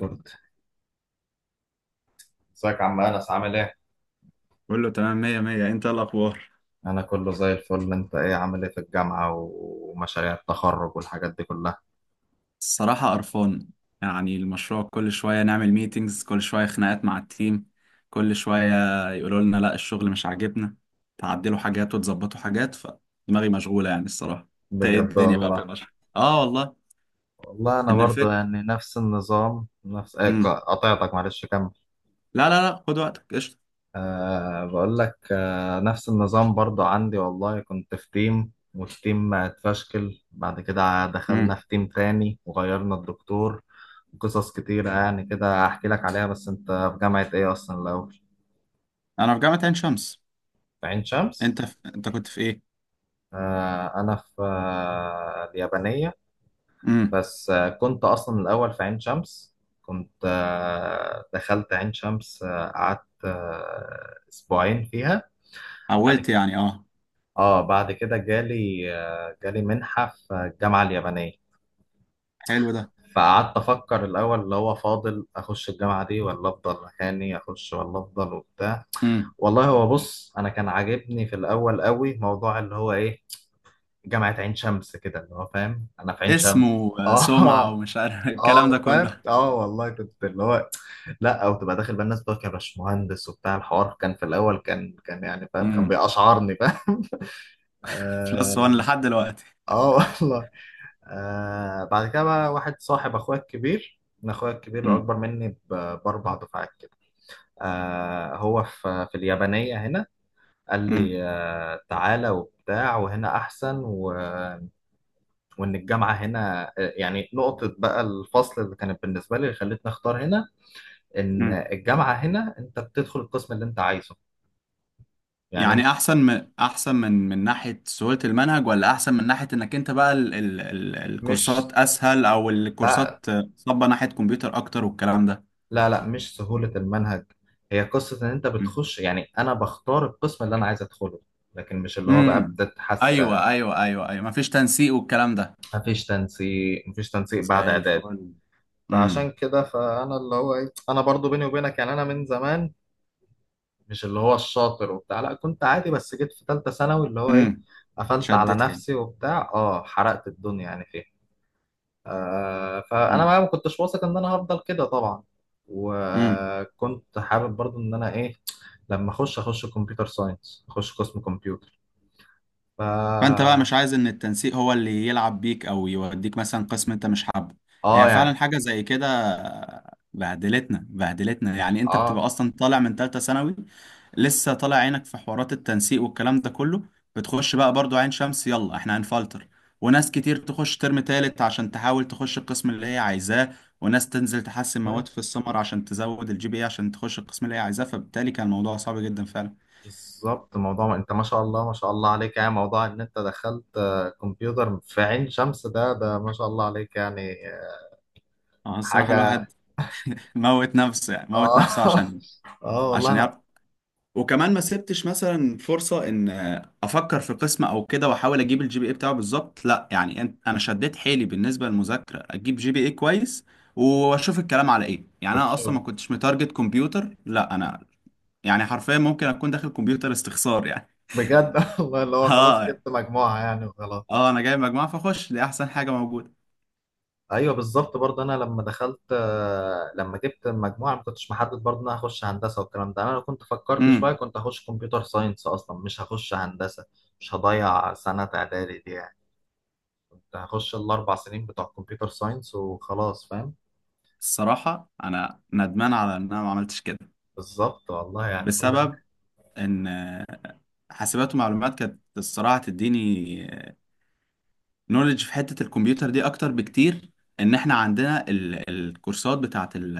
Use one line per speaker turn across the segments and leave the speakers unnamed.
كنت ازيك يا عم انس، عامل ايه؟
كله تمام، مية مية. انت ايه الاخبار؟
انا كله زي الفل. انت ايه، عامل ايه في الجامعة ومشاريع التخرج والحاجات دي كلها؟
الصراحة قرفان. يعني المشروع كل شوية نعمل ميتينجز، كل شوية خناقات مع التيم، كل شوية يقولوا لنا لا الشغل مش عاجبنا، تعدلوا حاجات وتظبطوا حاجات، فدماغي مشغولة يعني الصراحة. انت ايه
بجد
الدنيا بقى في
والله.
المشروع؟ اه والله.
والله انا
ان
برضو
الفكرة،
يعني نفس النظام، نفس ايه.
امم
قطعتك، معلش كمل.
لا خد وقتك، قشطة.
بقول لك، نفس النظام برضو عندي والله، كنت في تيم والتيم اتفشكل، بعد كده دخلنا
امم
في تيم تاني وغيرنا الدكتور. قصص كتيرة يعني كده، احكي لك عليها. بس انت في جامعة ايه اصلا الاول؟
انا في جامعة عين شمس.
في عين شمس؟
انت في... انت كنت في ايه؟
أنا في اليابانية.
امم
بس كنت أصلا الأول في عين شمس. كنت دخلت عين شمس، قعدت أسبوعين فيها بعد كده.
حولت يعني اه؟
بعد كده جالي جالي منحة في الجامعة اليابانية.
حلو ده.
فقعدت أفكر الأول، اللي هو فاضل أخش الجامعة دي ولا أفضل مكاني، أخش ولا أفضل وبتاع.
امم
والله هو بص، أنا كان عاجبني في الأول قوي موضوع اللي هو إيه، جامعة عين شمس كده، اللي هو فاهم، أنا في عين شمس.
اسمه سمعة
آه.
ومش عارف الكلام ده
اه فاهم،
كله.
اه والله كنت اللي هو لا، او تبقى داخل بقى الناس بتوع، كان باشمهندس وبتاع الحوار، كان في الاول، كان يعني فاهم، كان بيقشعرني فاهم.
بلس 1
اه.
لحد دلوقتي.
آه والله. آه بعد كده بقى واحد صاحب اخويا الكبير، انا اخويا الكبير
امم
اكبر مني باربع دفعات كده. آه هو في اليابانيه هنا. قال
امم
لي آه تعالى وبتاع، وهنا احسن و... وان الجامعه هنا يعني نقطه بقى الفصل اللي كانت بالنسبه لي، اللي خلتني اختار هنا، ان
امم
الجامعه هنا انت بتدخل القسم اللي انت عايزه. يعني انت
يعني احسن من، احسن من، ناحيه سهوله المنهج، ولا احسن من ناحيه انك انت بقى ال
مش...
الكورسات اسهل، او
لا
الكورسات صبه ناحيه كمبيوتر اكتر والكلام ده؟
لا لا، مش سهوله المنهج، هي قصه ان انت
امم
بتخش، يعني انا بختار القسم اللي انا عايز ادخله، لكن مش اللي هو بقى
امم
بتتحس
ايوه ايوه ايوه ايوه، مفيش تنسيق والكلام ده.
مفيش تنسيق، مفيش تنسيق بعد
زي
اعداد.
الفل.
فعشان
امم
كده فانا اللي هو ايه، انا برضو بيني وبينك يعني، انا من زمان مش اللي هو الشاطر وبتاع لا، كنت عادي، بس جيت في ثالثه ثانوي اللي هو ايه
امم
قفلت على
شدت حيل.
نفسي وبتاع، اه حرقت الدنيا يعني فيها. فانا بقى ما كنتش واثق ان انا هفضل كده طبعا. وكنت حابب برضو ان انا ايه، لما اخش اخش كمبيوتر ساينس، اخش قسم كمبيوتر. ف
فانت بقى مش عايز ان التنسيق هو اللي يلعب بيك او يوديك مثلا قسم انت مش حابه.
اه
هي فعلا
يعني
حاجه زي كده. بهدلتنا بهدلتنا، يعني انت
اه.
بتبقى اصلا طالع من ثالثه ثانوي، لسه طالع عينك في حوارات التنسيق والكلام ده كله. بتخش بقى برضو عين شمس، يلا احنا هنفلتر. وناس كتير تخش ترم تالت عشان تحاول تخش القسم اللي هي عايزاه. وناس تنزل تحسن
طيب.
مواد في السمر عشان تزود الجي بي اي عشان تخش القسم اللي هي عايزاه. فبالتالي كان الموضوع صعب جدا فعلا.
بالظبط موضوع، ما انت ما شاء الله ما شاء الله عليك يعني، موضوع ان انت دخلت كمبيوتر في عين شمس، ده ما شاء الله عليك يعني
اه الصراحه الواحد
حاجة.
موت نفسه، يعني موت
اه.
نفسه عشان،
اه والله
عشان
انا
يعرف. وكمان ما سبتش مثلا فرصة ان افكر في قسم او كده واحاول اجيب الجي بي اي بتاعه بالظبط. لا يعني انا شديت حيلي بالنسبة للمذاكرة اجيب جي بي اي كويس، واشوف الكلام على ايه. يعني
كنت.
انا اصلا ما كنتش متارجت كمبيوتر، لا انا يعني حرفيا ممكن اكون داخل كمبيوتر استخسار يعني.
بجد والله اللي هو خلاص
اه،
جبت مجموعة يعني وخلاص.
اه انا جايب مجموعة فاخش دي احسن حاجة موجودة.
ايوه بالظبط برضه، انا لما دخلت لما جبت المجموعه ما كنتش محدد برضه ان انا هخش هندسه والكلام ده. انا لو كنت فكرت شويه
امم
كنت هخش كمبيوتر ساينس اصلا، مش هخش هندسه. مش هضيع سنه اعدادي دي يعني. كنت هخش الاربع سنين بتوع كمبيوتر ساينس وخلاص فاهم.
الصراحة انا ندمان على ان انا ما عملتش كده،
بالظبط والله يعني كل...
بسبب ان حاسبات ومعلومات كانت الصراحة تديني نولج في حتة الكمبيوتر دي أكتر بكتير. إن إحنا عندنا ال... الكورسات بتاعة ال...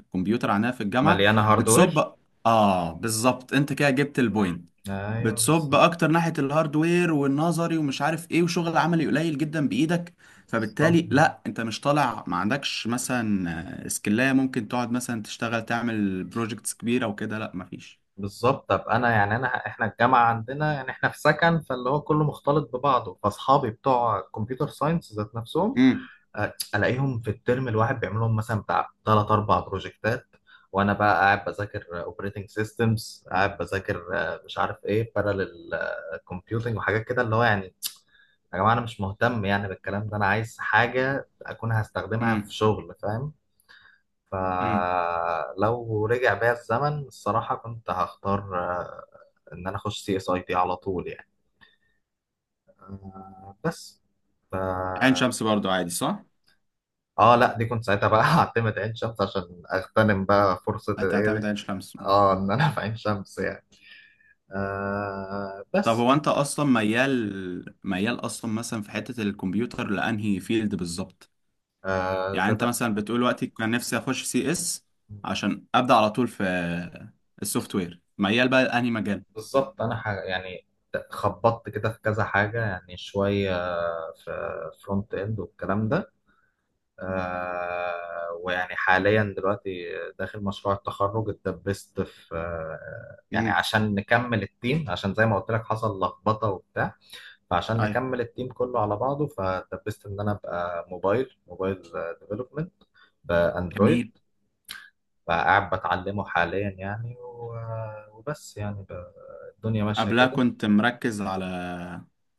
الكمبيوتر عندنا في الجامعة
مليانه هاردوير.
بتصب. آه بالظبط، أنت كده جبت
مم.
البوينت.
ايوه
بتصب
بالظبط.
أكتر ناحية الهاردوير والنظري ومش عارف إيه، وشغل عملي قليل جدا بإيدك.
بالظبط.
فبالتالي لا أنت مش طالع، ما عندكش مثلا سكلاية ممكن تقعد مثلا تشتغل تعمل بروجكتس كبيرة وكده، لا مفيش.
بالظبط طب انا يعني، انا احنا الجامعه عندنا يعني، احنا في سكن فاللي هو كله مختلط ببعضه. فاصحابي بتوع كمبيوتر ساينس ذات نفسهم
امم
الاقيهم في الترم الواحد بيعملوا لهم مثلا بتاع ثلاث اربع بروجكتات، وانا بقى قاعد بذاكر اوبريتنج سيستمز، قاعد بذاكر مش عارف ايه، بارالل كومبيوتنج وحاجات كده اللي هو يعني يا جماعه، انا مش مهتم يعني بالكلام ده، انا عايز حاجه اكون هستخدمها في
امم
شغل فاهم.
امم
فلو رجع بيا الزمن الصراحه كنت هختار ان انا اخش سي اس اي تي على طول يعني. بس ف
عين شمس برضو عادي صح؟
اه. لا دي كنت ساعتها بقى هعتمد عين شمس عشان اغتنم بقى فرصة الايه
هتعتمد
دي؟
عين شمس.
اه ان انا في عين شمس يعني.
طب
بس
هو
يعني.
انت اصلا ميال اصلا مثلا في حتة الكمبيوتر لانهي فيلد بالظبط؟ يعني
ده,
انت
ده
مثلا بتقول وقتي كان نفسي اخش سي اس، عشان ابدا على طول في السوفت وير، ميال بقى لانهي مجال.
بالظبط. انا حاجة يعني خبطت كده في كذا حاجة يعني، شوية في فرونت اند والكلام ده. آه ويعني حاليا دلوقتي داخل مشروع التخرج، اتدبست في آه يعني
امم
عشان نكمل التيم، عشان زي ما قلت لك حصل لخبطة وبتاع. فعشان
ايوه
نكمل التيم كله على بعضه فدبست ان انا ابقى موبايل موبايل ديفلوبمنت، باندرويد.
جميل.
فقاعد بتعلمه حاليا يعني، و- وبس يعني ب- الدنيا ماشيه
قبلها
كده.
كنت مركز على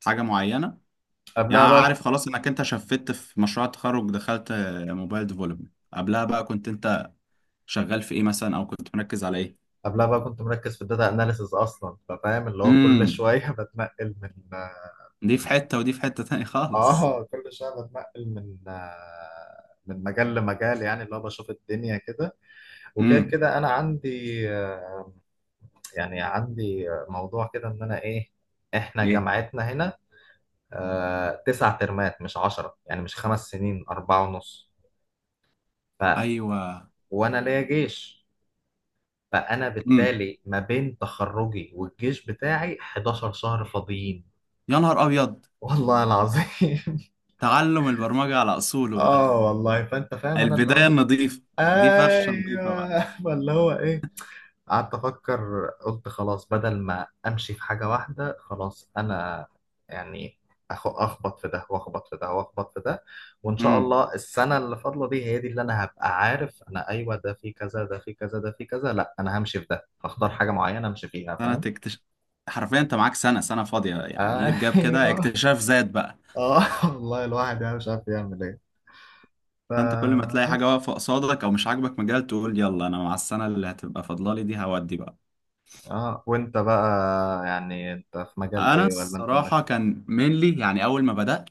حاجة معينة؟ يعني
قبلها بقى.
عارف خلاص انك انت شفت في مشروع التخرج دخلت موبايل ديفلوبمنت، قبلها بقى كنت انت شغال في ايه مثلا او كنت مركز على ايه؟
قبلها بقى كنت مركز في الداتا اناليسز اصلا، ففاهم اللي هو كل
امم
شويه بتنقل من
دي في
من.
حتة ودي في حتة تاني خالص.
اه كل شويه بتنقل من من مجال لمجال يعني اللي هو بشوف الدنيا كده، وكده
امم
كده انا عندي يعني عندي موضوع كده ان انا ايه، احنا
ايه.
جامعتنا هنا تسع ترمات مش عشرة يعني، مش خمس سنين، اربعة ونص. ف
ايوه.
وانا ليا جيش، فانا
امم
بالتالي ما بين تخرجي والجيش بتاعي 11 شهر فاضيين.
يا نهار ابيض.
والله العظيم.
تعلم البرمجه على اصوله بقى.
اه والله فانت فاهم انا اللي
البدايه
هو.
النظيفه. دي فرشه نظيفه بقى.
ايوه اللي هو ايه قعدت أفكر قلت خلاص بدل ما أمشي في حاجة واحدة خلاص أنا يعني أخبط في ده وأخبط في ده وأخبط في ده، وإن شاء
امم
الله السنة اللي فاضلة دي هي دي اللي أنا هبقى عارف، أنا أيوه ده في كذا، ده في كذا، ده في كذا، لأ أنا همشي في ده، هختار حاجة معينة أمشي فيها
سنه
فاهم؟
اكتشاف. حرفيا انت معاك سنه فاضيه، يعني ايه رجاب كده،
أيوه.
اكتشاف ذات بقى.
آه والله الواحد يعني مش عارف يعمل إيه.
فانت كل ما تلاقي حاجه
فبس.
واقفه قصادك او مش عاجبك مجال تقول يلا انا مع السنه اللي هتبقى فاضله لي دي، هودي بقى.
آه وأنت بقى يعني أنت في مجال
انا
إيه ولا أنت
الصراحه
مركز؟
كان مينلي يعني اول ما بدات،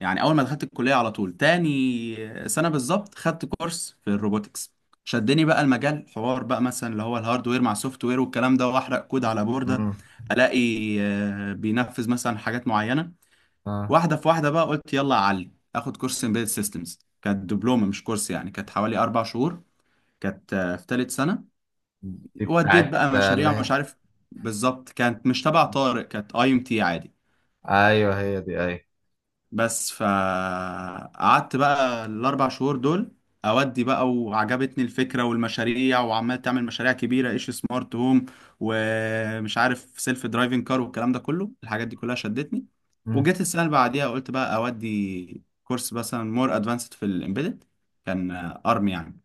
يعني اول ما دخلت الكليه على طول تاني سنه بالظبط، خدت كورس في الروبوتكس. شدني بقى المجال، حوار بقى مثلا اللي هو الهاردوير مع السوفت وير والكلام ده، واحرق كود على بورده،
مم.
الاقي بينفذ مثلا حاجات معينه.
آه
واحده في واحده بقى قلت يلا اعلي اخد كورس امبيدد سيستمز، كانت دبلومه مش كورس يعني، كانت حوالي 4 شهور، كانت في ثالث سنه.
دي
وديت
بتاعت
بقى
اللي
مشاريع ومش
هي.
عارف. بالظبط، كانت مش تبع طارق، كانت اي ام تي عادي.
ايوه هي دي ايوه.
بس فقعدت بقى الاربع شهور دول، اودي بقى. وعجبتني الفكره والمشاريع، وعمال تعمل مشاريع كبيره ايش سمارت هوم، ومش عارف سيلف درايفنج كار والكلام ده كله، الحاجات دي كلها شدتني.
مم.
وجيت السنه اللي بعديها قلت بقى اودي كورس مثلا مور ادفانسد في الامبيدد، كان ارم يعني.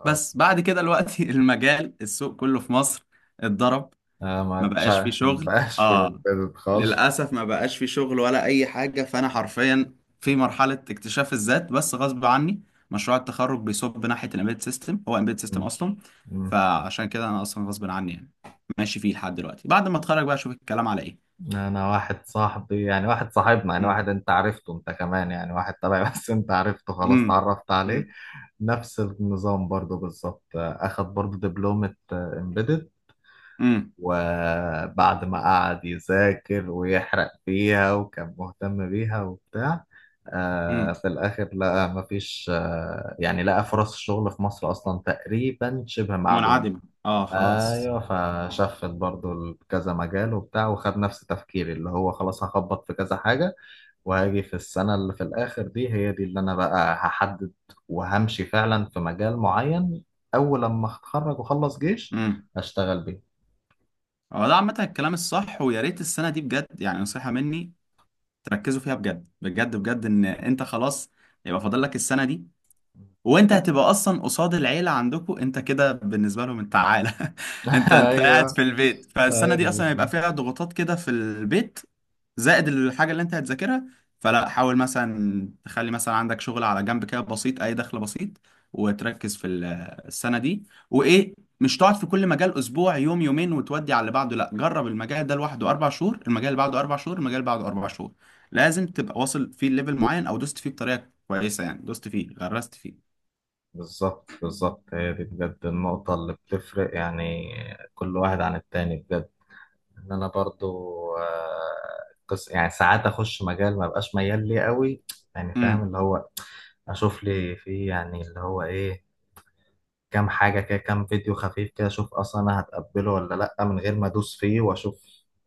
اه.
بس بعد كده الوقت المجال، السوق كله في مصر اتضرب.
ما
ما بقاش في
تشع
شغل،
مبقاش في
اه.
امبيدد خالص.
للأسف ما بقاش في شغل ولا أي حاجة. فأنا حرفيا في مرحلة اكتشاف الذات بس غصب عني. مشروع التخرج بيصب ناحية الامبيد سيستم، هو امبيد سيستم
مم.
أصلا.
مم.
فعشان كده أنا أصلا غصب عني يعني ماشي فيه لحد دلوقتي، بعد ما أتخرج بقى أشوف الكلام على إيه.
انا واحد صاحبي يعني، واحد صاحبنا يعني،
مم.
واحد انت عرفته انت كمان يعني، واحد تبعي بس انت عرفته خلاص،
مم.
اتعرفت عليه.
مم.
نفس النظام برضو بالظبط، اخد برضو دبلومة امبيدد،
مم.
وبعد ما قعد يذاكر ويحرق فيها وكان مهتم بيها وبتاع، آه
مم.
في الآخر لقى مفيش آه يعني لقى فرص الشغل في مصر أصلا تقريبا شبه معدومة.
منعدمة. اه خلاص.
أيوه. فشفت برضو كذا مجال وبتاع، وخد نفس تفكيري اللي هو خلاص هخبط في كذا حاجة، وهاجي في السنة اللي في الآخر دي هي دي اللي أنا بقى هحدد، وهمشي فعلا في مجال معين أول لما أتخرج وأخلص جيش،
مم.
أشتغل بيه.
هو ده عامة الكلام الصح، ويا ريت السنة دي بجد يعني نصيحة مني تركزوا فيها بجد بجد بجد. ان انت خلاص يبقى فاضل لك السنه دي، وانت هتبقى اصلا قصاد العيله، عندكم انت كده بالنسبه لهم انت عاله، انت قاعد
أيوه.
في البيت، فالسنه
ايوه
دي اصلا هيبقى
بالظبط.
فيها ضغوطات كده في البيت، زائد الحاجه اللي انت هتذاكرها. فلا، حاول مثلا تخلي مثلا عندك شغل على جنب كده بسيط، اي دخل بسيط، وتركز في السنه دي. وايه، مش تقعد في كل مجال اسبوع يوم يومين وتودي على اللي بعده، لا جرب المجال ده لوحده 4 شهور، المجال اللي بعده 4 شهور، المجال اللي بعده اربع شهور. لازم تبقى واصل فيه ليفل معين، او دوست فيه بطريقه كويسه، يعني دوست فيه، غرست فيه.
بالظبط. بالظبط هي دي بجد النقطة اللي بتفرق يعني كل واحد عن التاني بجد، إن أنا برضو قص يعني ساعات أخش مجال ما بقاش ميال ليه قوي يعني فاهم
امم
اللي هو، أشوف لي فيه يعني اللي هو إيه كام حاجة كده، كام فيديو خفيف كده، أشوف أصلا أنا هتقبله ولا لأ من غير ما أدوس فيه وأشوف،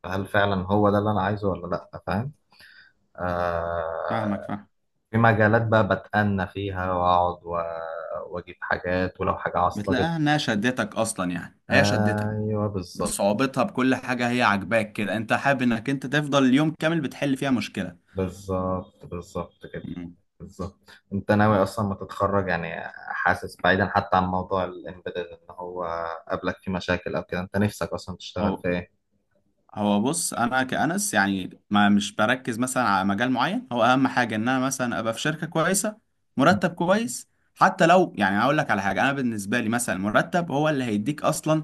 هل فعلا هو ده اللي أنا عايزه ولا لأ فاهم.
فاهمك
آه
فاهم.
في مجالات بقى بتأنى فيها وأقعد وأجيب حاجات ولو حاجة عاصلة أجيب.
بتلاقيها انها شدتك اصلا، يعني هي شدتك
أيوه بالظبط.
بصعوبتها، بكل حاجه هي عاجباك كده، انت حابب انك انت تفضل اليوم كامل بتحل فيها مشكله.
بالظبط. بالظبط كده.
امم
بالظبط. أنت ناوي أصلا ما تتخرج يعني، حاسس بعيدا حتى عن موضوع الإمبيدد إن هو قابلك فيه مشاكل أو كده، أنت نفسك أصلا تشتغل
هو
في إيه؟
هو بص انا كأنس يعني، ما مش بركز مثلا على مجال معين، هو اهم حاجه ان انا مثلا ابقى في شركه كويسه، مرتب كويس. حتى لو يعني هقول لك على حاجه، انا بالنسبه لي مثلا المرتب هو اللي هيديك اصلا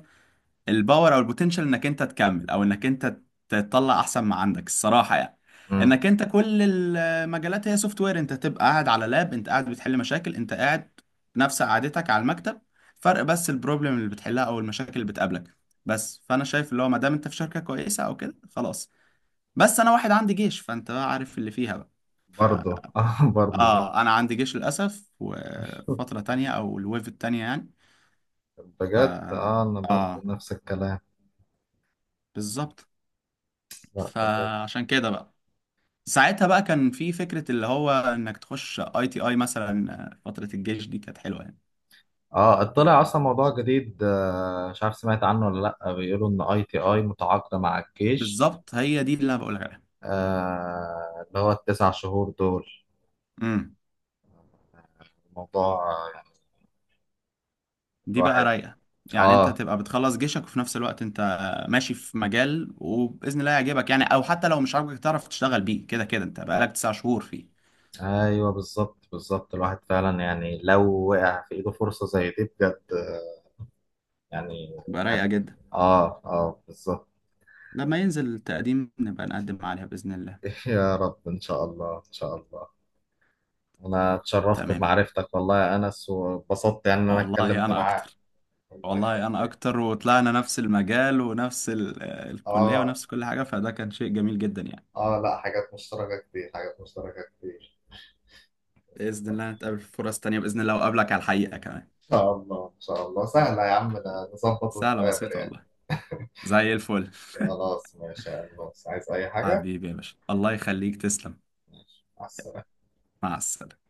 الباور او البوتنشال انك انت تكمل، او انك انت تطلع احسن ما عندك الصراحه يعني.
امم.
انك انت كل المجالات هي سوفت وير، انت تبقى قاعد على لاب، انت قاعد بتحل مشاكل، انت قاعد نفس قعدتك على المكتب، فرق بس البروبلم اللي بتحلها او المشاكل اللي بتقابلك. بس فانا شايف اللي هو ما دام انت في شركه كويسه او كده، خلاص. بس انا واحد عندي جيش، فانت بقى عارف اللي فيها بقى. ف...
برضه. آه برضه.
اه انا عندي جيش للاسف وفتره تانية، او الويف التانية يعني. ف
بجد آه أنا برضه
اه
نفس الكلام.
بالظبط.
لا.
فعشان كده بقى، ساعتها بقى كان في فكرة اللي هو انك تخش اي تي اي مثلا، فترة الجيش دي كانت حلوة يعني.
اه طلع اصلا موضوع جديد مش عارف سمعت عنه ولا لا، بيقولوا ان اي تي اي متعاقده مع الجيش.
بالظبط، هي دي اللي انا بقولك عليها.
اللي هو التسع شهور دول
امم
الموضوع يعني
دي بقى
الواحد.
رايقة. يعني انت
اه.
تبقى بتخلص جيشك، وفي نفس الوقت انت ماشي في مجال وبإذن الله يعجبك يعني، او حتى لو مش عاجبك تعرف تشتغل بيه، كده كده انت بقالك 9 شهور فيه.
ايوه بالظبط. بالظبط الواحد فعلا يعني لو وقع في ايده فرصه زي دي بجد يعني
تبقى
هت...
رايقة جدا.
اه اه بالظبط.
لما ينزل التقديم نبقى نقدم عليها بإذن الله.
يا رب ان شاء الله ان شاء الله. انا اتشرفت
تمام،
بمعرفتك والله يا انس، واتبسطت يعني ان انا
والله
اتكلمت
انا
معاك.
اكتر.
الله
والله انا
يخليك.
اكتر، وطلعنا نفس المجال ونفس الكلية
اه
ونفس كل حاجة، فده كان شيء جميل جدا يعني.
اه لا، حاجات مشتركة كتير، حاجات مشتركة كتير.
بإذن الله نتقابل في فرص تانية بإذن الله، وأقابلك على الحقيقة كمان.
ان شاء الله، ان شاء الله، سهلة يا عم، ده نظبط
سهلة
ونتقابل
بسيطة
يعني.
والله. زي الفل.
خلاص ماشي يا عم، عايز اي حاجة؟
حبيبي يا باشا، الله يخليك، تسلم.
ماشي، مع السلامة.
مع السلامة.